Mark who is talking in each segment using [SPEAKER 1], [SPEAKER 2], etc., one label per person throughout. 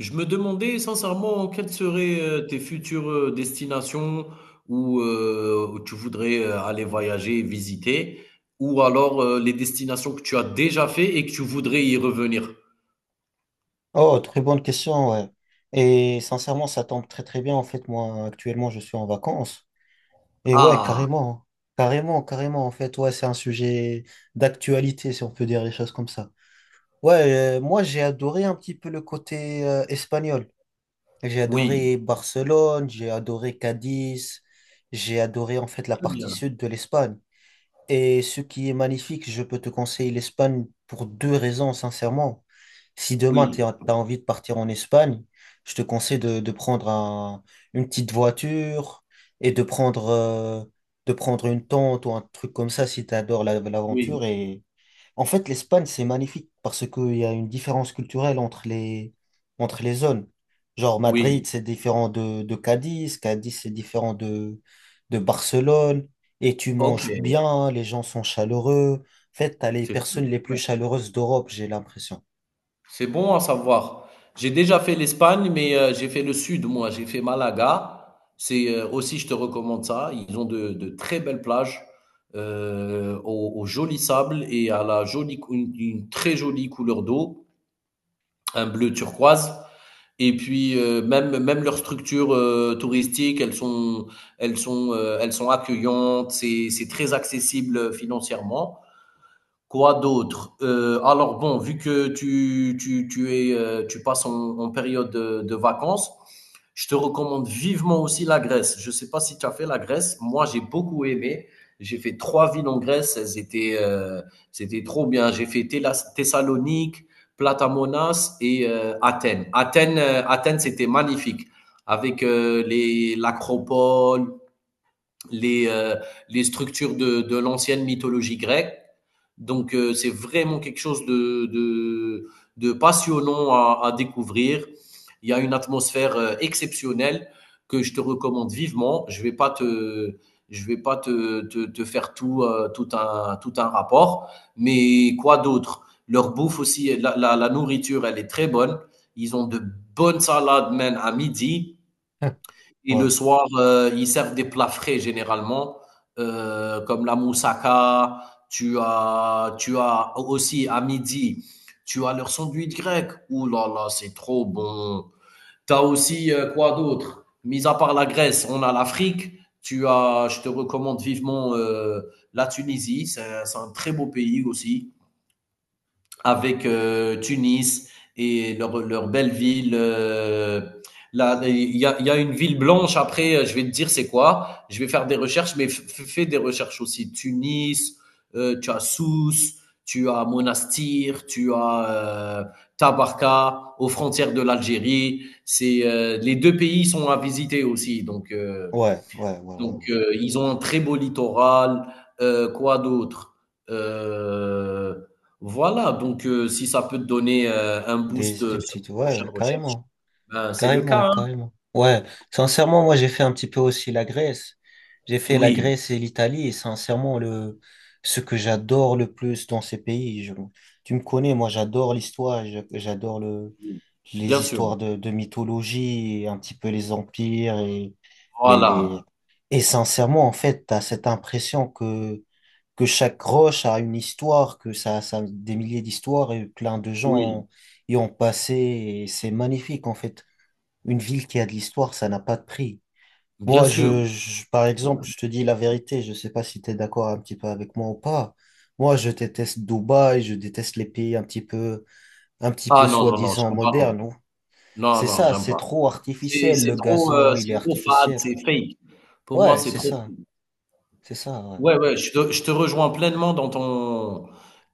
[SPEAKER 1] Je me demandais sincèrement quelles seraient tes futures destinations où, où tu voudrais aller voyager et visiter, ou alors les destinations que tu as déjà fait et que tu voudrais y revenir.
[SPEAKER 2] Oh, très bonne question, ouais. Et sincèrement, ça tombe très très bien. En fait, moi, actuellement, je suis en vacances. Et ouais,
[SPEAKER 1] Ah,
[SPEAKER 2] carrément, hein. Carrément, carrément. En fait, ouais, c'est un sujet d'actualité, si on peut dire les choses comme ça. Ouais, moi, j'ai adoré un petit peu le côté espagnol. J'ai
[SPEAKER 1] oui,
[SPEAKER 2] adoré Barcelone, j'ai adoré Cadiz, j'ai adoré en fait la
[SPEAKER 1] très
[SPEAKER 2] partie
[SPEAKER 1] bien.
[SPEAKER 2] sud de l'Espagne. Et ce qui est magnifique, je peux te conseiller l'Espagne pour deux raisons, sincèrement. Si demain, tu
[SPEAKER 1] Oui,
[SPEAKER 2] as envie de partir en Espagne, je te conseille de une petite voiture et de prendre une tente ou un truc comme ça si tu adores
[SPEAKER 1] oui,
[SPEAKER 2] l'aventure. Et en fait, l'Espagne, c'est magnifique parce qu'il y a une différence culturelle entre les zones. Genre, Madrid,
[SPEAKER 1] oui.
[SPEAKER 2] c'est différent de Cadiz, Cadiz, c'est différent de Barcelone, et tu
[SPEAKER 1] Ok,
[SPEAKER 2] manges bien, les gens sont chaleureux. En fait, t'as les
[SPEAKER 1] c'est très
[SPEAKER 2] personnes les plus
[SPEAKER 1] bien.
[SPEAKER 2] chaleureuses d'Europe, j'ai l'impression.
[SPEAKER 1] C'est bon à savoir. J'ai déjà fait l'Espagne, mais j'ai fait le sud, moi. J'ai fait Malaga. C'est aussi, je te recommande ça. Ils ont de très belles plages au, au joli sable et à la jolie, une très jolie couleur d'eau, un bleu turquoise. Et puis même leurs structures touristiques, elles sont accueillantes. C'est très accessible financièrement. Quoi d'autre? Alors bon, vu que tu es, tu passes en, en période de vacances, je te recommande vivement aussi la Grèce. Je ne sais pas si tu as fait la Grèce. Moi, j'ai beaucoup aimé. J'ai fait trois villes en Grèce. Elles étaient, c'était trop bien. J'ai fait Thessalonique, Platamonas et Athènes. Athènes, Athènes, c'était magnifique. Avec les, l'acropole, les, euh, les structures de l'ancienne mythologie grecque. Donc c'est vraiment quelque chose de passionnant à découvrir. Il y a une atmosphère exceptionnelle que je te recommande vivement. Je ne vais pas te, je ne vais pas te faire tout un rapport, mais quoi d'autre? Leur bouffe aussi, la nourriture, elle est très bonne. Ils ont de bonnes salades même à midi et
[SPEAKER 2] Ouais,
[SPEAKER 1] le soir, ils servent des plats frais généralement, comme la moussaka. Tu as aussi à midi, tu as leurs sandwichs grecs. Ouh là là, c'est trop bon. Tu as aussi, quoi d'autre? Mis à part la Grèce, on a l'Afrique. Tu as Je te recommande vivement, la Tunisie. C'est un très beau pays aussi avec Tunis et leur belle ville. Là, il y a une ville blanche. Après, je vais te dire c'est quoi. Je vais faire des recherches, mais fais des recherches aussi. Tunis, tu as Sousse, tu as Monastir, tu as euh, Tabarka, aux frontières de l'Algérie. C'est les deux pays sont à visiter aussi. Donc euh,
[SPEAKER 2] ouais, ouais, ouais, ouais,
[SPEAKER 1] donc,
[SPEAKER 2] ouais.
[SPEAKER 1] euh, ils ont un très beau littoral. Quoi d'autre? Euh, voilà, donc si ça peut te donner un boost
[SPEAKER 2] Des
[SPEAKER 1] sur
[SPEAKER 2] petites,
[SPEAKER 1] tes
[SPEAKER 2] ouais,
[SPEAKER 1] prochaines
[SPEAKER 2] ouais,
[SPEAKER 1] recherches,
[SPEAKER 2] carrément.
[SPEAKER 1] ben, c'est le
[SPEAKER 2] Carrément,
[SPEAKER 1] cas, hein.
[SPEAKER 2] carrément. Ouais, sincèrement, moi j'ai fait un petit peu aussi la Grèce. J'ai fait la
[SPEAKER 1] Oui,
[SPEAKER 2] Grèce et l'Italie et sincèrement, ce que j'adore le plus dans ces pays, tu me connais, moi j'adore l'histoire, j'adore
[SPEAKER 1] oui, bien
[SPEAKER 2] les
[SPEAKER 1] sûr.
[SPEAKER 2] histoires de mythologie, et un petit peu les empires et
[SPEAKER 1] Voilà,
[SPEAKER 2] les... Et sincèrement, en fait, t'as cette impression que chaque roche a une histoire, ça a des milliers d'histoires et plein de
[SPEAKER 1] oui,
[SPEAKER 2] gens y ont passé et c'est magnifique en fait. Une ville qui a de l'histoire, ça n'a pas de prix.
[SPEAKER 1] bien
[SPEAKER 2] Moi,
[SPEAKER 1] sûr.
[SPEAKER 2] par exemple, je te dis la vérité, je sais pas si tu es d'accord un petit peu avec moi ou pas. Moi, je déteste Dubaï, je déteste les pays un petit peu,
[SPEAKER 1] Ah non, non, non,
[SPEAKER 2] soi-disant
[SPEAKER 1] j'aime pas non
[SPEAKER 2] modernes.
[SPEAKER 1] plus. Non,
[SPEAKER 2] C'est
[SPEAKER 1] non,
[SPEAKER 2] ça,
[SPEAKER 1] j'aime
[SPEAKER 2] c'est
[SPEAKER 1] pas.
[SPEAKER 2] trop
[SPEAKER 1] C'est
[SPEAKER 2] artificiel,
[SPEAKER 1] c'est
[SPEAKER 2] le
[SPEAKER 1] trop,
[SPEAKER 2] gazon, il
[SPEAKER 1] c'est
[SPEAKER 2] est
[SPEAKER 1] trop fade,
[SPEAKER 2] artificiel.
[SPEAKER 1] c'est fake. Pour moi,
[SPEAKER 2] Ouais,
[SPEAKER 1] c'est trop.
[SPEAKER 2] c'est ça, ouais.
[SPEAKER 1] Ouais, ouais, je te rejoins pleinement dans ton,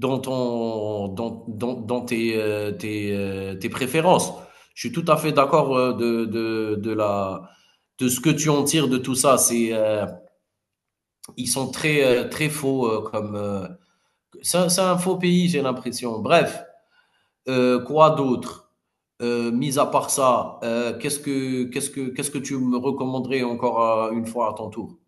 [SPEAKER 1] dans tes, tes, tes préférences. Je suis tout à fait d'accord de la, de ce que tu en tires de tout ça. C'est, ils sont très, très faux comme. C'est un faux pays, j'ai l'impression. Bref, quoi d'autre? Mis à part ça, qu'est-ce que tu me recommanderais encore une fois à ton tour?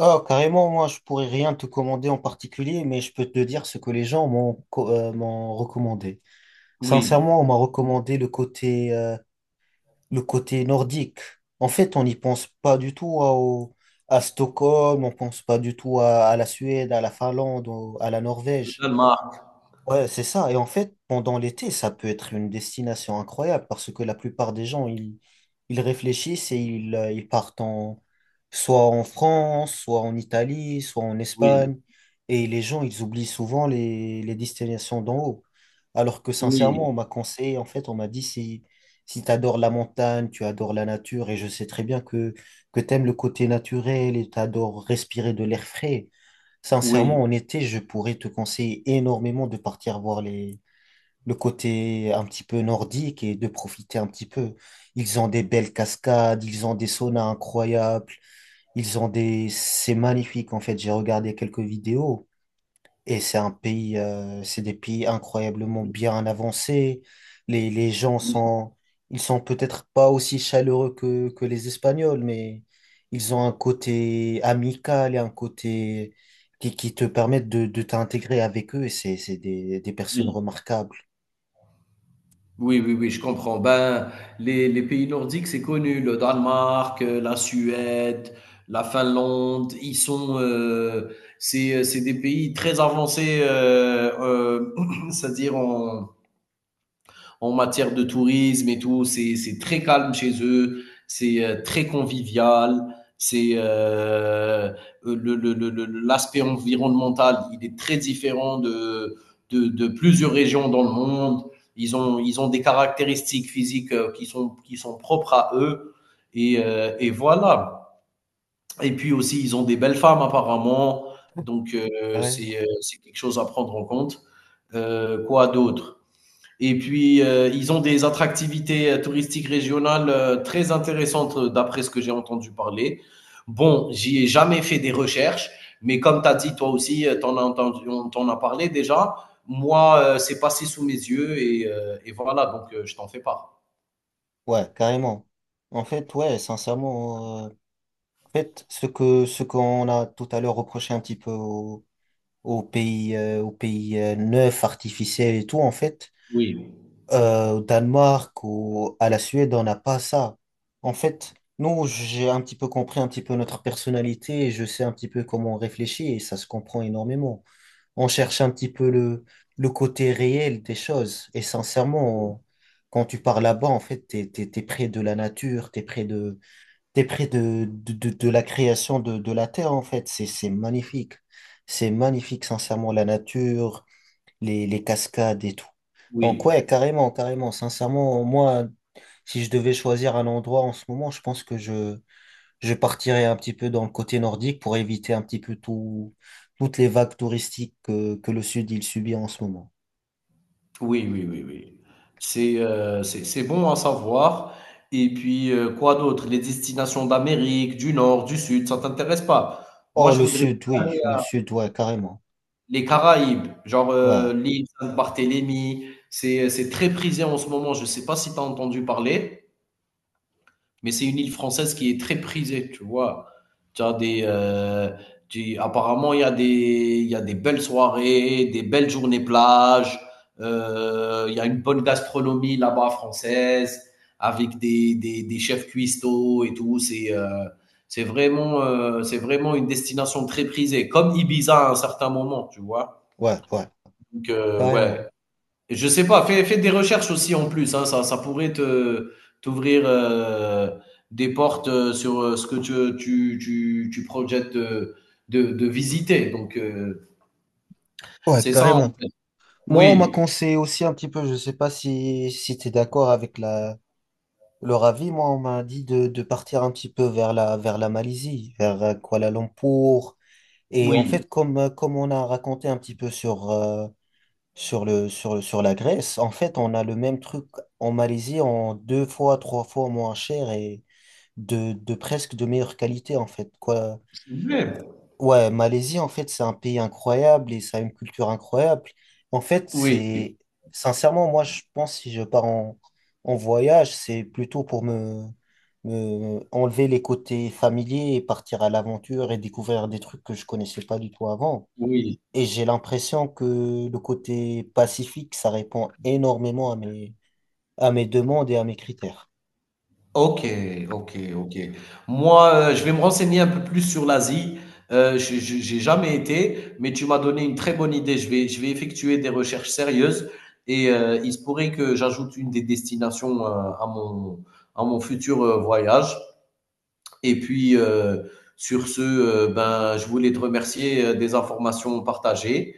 [SPEAKER 2] Oh, carrément, moi, je pourrais rien te commander en particulier, mais je peux te dire ce que les gens m'ont recommandé.
[SPEAKER 1] Oui,
[SPEAKER 2] Sincèrement, on m'a recommandé le côté nordique. En fait, on n'y pense pas du tout à Stockholm, on pense pas du tout à la Suède, à la Finlande, à la
[SPEAKER 1] le
[SPEAKER 2] Norvège.
[SPEAKER 1] Danemark.
[SPEAKER 2] Ouais, c'est ça. Et en fait, pendant l'été, ça peut être une destination incroyable parce que la plupart des gens, ils réfléchissent et ils partent en, soit en France, soit en Italie, soit en
[SPEAKER 1] Oui,
[SPEAKER 2] Espagne. Et les gens, ils oublient souvent les destinations d'en haut. Alors que sincèrement,
[SPEAKER 1] oui,
[SPEAKER 2] on m'a conseillé, en fait, on m'a dit si tu adores la montagne, tu adores la nature, et je sais très bien que tu aimes le côté naturel et tu adores respirer de l'air frais. Sincèrement,
[SPEAKER 1] oui.
[SPEAKER 2] en été, je pourrais te conseiller énormément de partir voir le côté un petit peu nordique et de profiter un petit peu. Ils ont des belles cascades, ils ont des saunas incroyables, ils ont des... C'est magnifique en fait, j'ai regardé quelques vidéos. Et c'est des pays incroyablement bien avancés. Les gens
[SPEAKER 1] Oui,
[SPEAKER 2] sont, ils sont peut-être pas aussi chaleureux que les Espagnols, mais ils ont un côté amical et un côté qui te permettent de t'intégrer avec eux. Et c'est des personnes
[SPEAKER 1] oui.
[SPEAKER 2] remarquables.
[SPEAKER 1] Oui, oui, oui, je comprends. Ben, les pays nordiques, c'est connu. Le Danemark, la Suède, la Finlande, ils sont, c'est des pays très avancés, c'est-à-dire en, en matière de tourisme et tout. C'est très calme chez eux, c'est très convivial, c'est euh, le- le- le- l'aspect environnemental, il est très différent de plusieurs régions dans le monde. Ils ont des caractéristiques physiques qui sont propres à eux. Et voilà. Et puis aussi, ils ont des belles femmes apparemment. Donc,
[SPEAKER 2] Carrément.
[SPEAKER 1] c'est quelque chose à prendre en compte. Quoi d'autre? Et puis, ils ont des attractivités touristiques régionales très intéressantes d'après ce que j'ai entendu parler. Bon, j'y ai jamais fait des recherches, mais comme tu as dit, toi aussi, tu en as entendu, on t'en a parlé déjà. Moi, c'est passé sous mes yeux et voilà, donc je t'en fais part.
[SPEAKER 2] Ouais, carrément. En fait, ouais, sincèrement, ce que, ce qu'on a tout à l'heure reproché un petit peu aux, aux pays neufs, artificiels et tout, en fait,
[SPEAKER 1] Oui,
[SPEAKER 2] au Danemark ou à la Suède, on n'a pas ça. En fait, nous, j'ai un petit peu compris un petit peu notre personnalité et je sais un petit peu comment on réfléchit et ça se comprend énormément. On cherche un petit peu le côté réel des choses et sincèrement,
[SPEAKER 1] oui,
[SPEAKER 2] quand tu pars là-bas, en fait, t'es près de la nature, t'es près de la création de la terre, en fait. C'est magnifique. C'est magnifique, sincèrement, la nature les cascades et tout. Donc ouais, carrément, carrément. Sincèrement, moi, si je devais choisir un endroit en ce moment, je pense je partirais un petit peu dans le côté nordique pour éviter un petit peu toutes les vagues touristiques que le sud, il subit en ce moment.
[SPEAKER 1] oui, oui, oui, oui. C'est c'est bon à savoir. Et puis, quoi d'autre? Les destinations d'Amérique, du Nord, du Sud, ça t'intéresse pas? Moi,
[SPEAKER 2] Oh,
[SPEAKER 1] je
[SPEAKER 2] le
[SPEAKER 1] voudrais
[SPEAKER 2] sud, oui, le sud, ouais, carrément.
[SPEAKER 1] les Caraïbes, genre,
[SPEAKER 2] Ouais,
[SPEAKER 1] l'île Sainte-Barthélemy, c'est très prisé en ce moment. Je ne sais pas si tu as entendu parler, mais c'est une île française qui est très prisée, tu vois? Tu as des, tu apparemment, il y a des belles soirées, des belles journées plage, il y a une bonne gastronomie là-bas française, avec des chefs cuistots et tout. C'est, c'est vraiment une destination très prisée, comme Ibiza à un certain moment, tu vois?
[SPEAKER 2] ouais, ouais,
[SPEAKER 1] Donc, ouais.
[SPEAKER 2] carrément.
[SPEAKER 1] Et je sais pas, fais des recherches aussi en plus, hein, ça pourrait te t'ouvrir des portes sur ce que tu projettes de visiter. Donc,
[SPEAKER 2] Ouais,
[SPEAKER 1] c'est ça en
[SPEAKER 2] carrément.
[SPEAKER 1] fait.
[SPEAKER 2] Moi, on m'a
[SPEAKER 1] Oui,
[SPEAKER 2] conseillé aussi un petit peu, je sais pas si, si tu es d'accord avec la... Leur avis, moi, on m'a dit de partir un petit peu vers la Malaisie, vers Kuala Lumpur. Et en
[SPEAKER 1] oui,
[SPEAKER 2] fait, comme on a raconté un petit peu sur le, sur la Grèce, en fait, on a le même truc en Malaisie en deux fois, trois fois moins cher et de presque de meilleure qualité, en fait. Quoi.
[SPEAKER 1] c'est vrai.
[SPEAKER 2] Ouais, Malaisie, en fait, c'est un pays incroyable et ça a une culture incroyable. En fait,
[SPEAKER 1] Oui,
[SPEAKER 2] c'est, sincèrement, moi, je pense, si je pars en, en voyage, c'est plutôt pour me enlever les côtés familiers et partir à l'aventure et découvrir des trucs que je connaissais pas du tout avant.
[SPEAKER 1] oui.
[SPEAKER 2] Et j'ai l'impression que le côté pacifique, ça répond énormément à mes demandes et à mes critères.
[SPEAKER 1] OK, OK, OK. Moi, je vais me renseigner un peu plus sur l'Asie. Je J'ai jamais été, mais tu m'as donné une très bonne idée. Je vais effectuer des recherches sérieuses et il se pourrait que j'ajoute une des destinations, à mon à mon futur, voyage. Et puis, sur ce, ben, je voulais te remercier des informations partagées.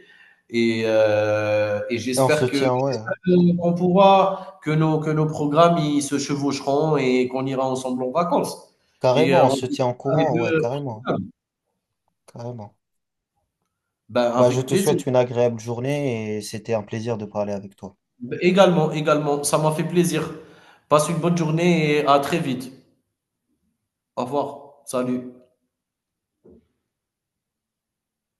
[SPEAKER 1] Et
[SPEAKER 2] Et on se
[SPEAKER 1] j'espère que
[SPEAKER 2] tient, ouais,
[SPEAKER 1] qu'on pourra, que nos programmes ils se chevaucheront et qu'on ira ensemble en vacances. Et
[SPEAKER 2] carrément, on
[SPEAKER 1] on
[SPEAKER 2] se tient en
[SPEAKER 1] fera les
[SPEAKER 2] courant, ouais,
[SPEAKER 1] deux.
[SPEAKER 2] carrément, carrément.
[SPEAKER 1] Ben,
[SPEAKER 2] Bah, je
[SPEAKER 1] avec
[SPEAKER 2] te
[SPEAKER 1] plaisir.
[SPEAKER 2] souhaite une agréable journée et c'était un plaisir de parler avec toi.
[SPEAKER 1] Également, également, ça m'a fait plaisir. Passe une bonne journée et à très vite. Au revoir. Salut.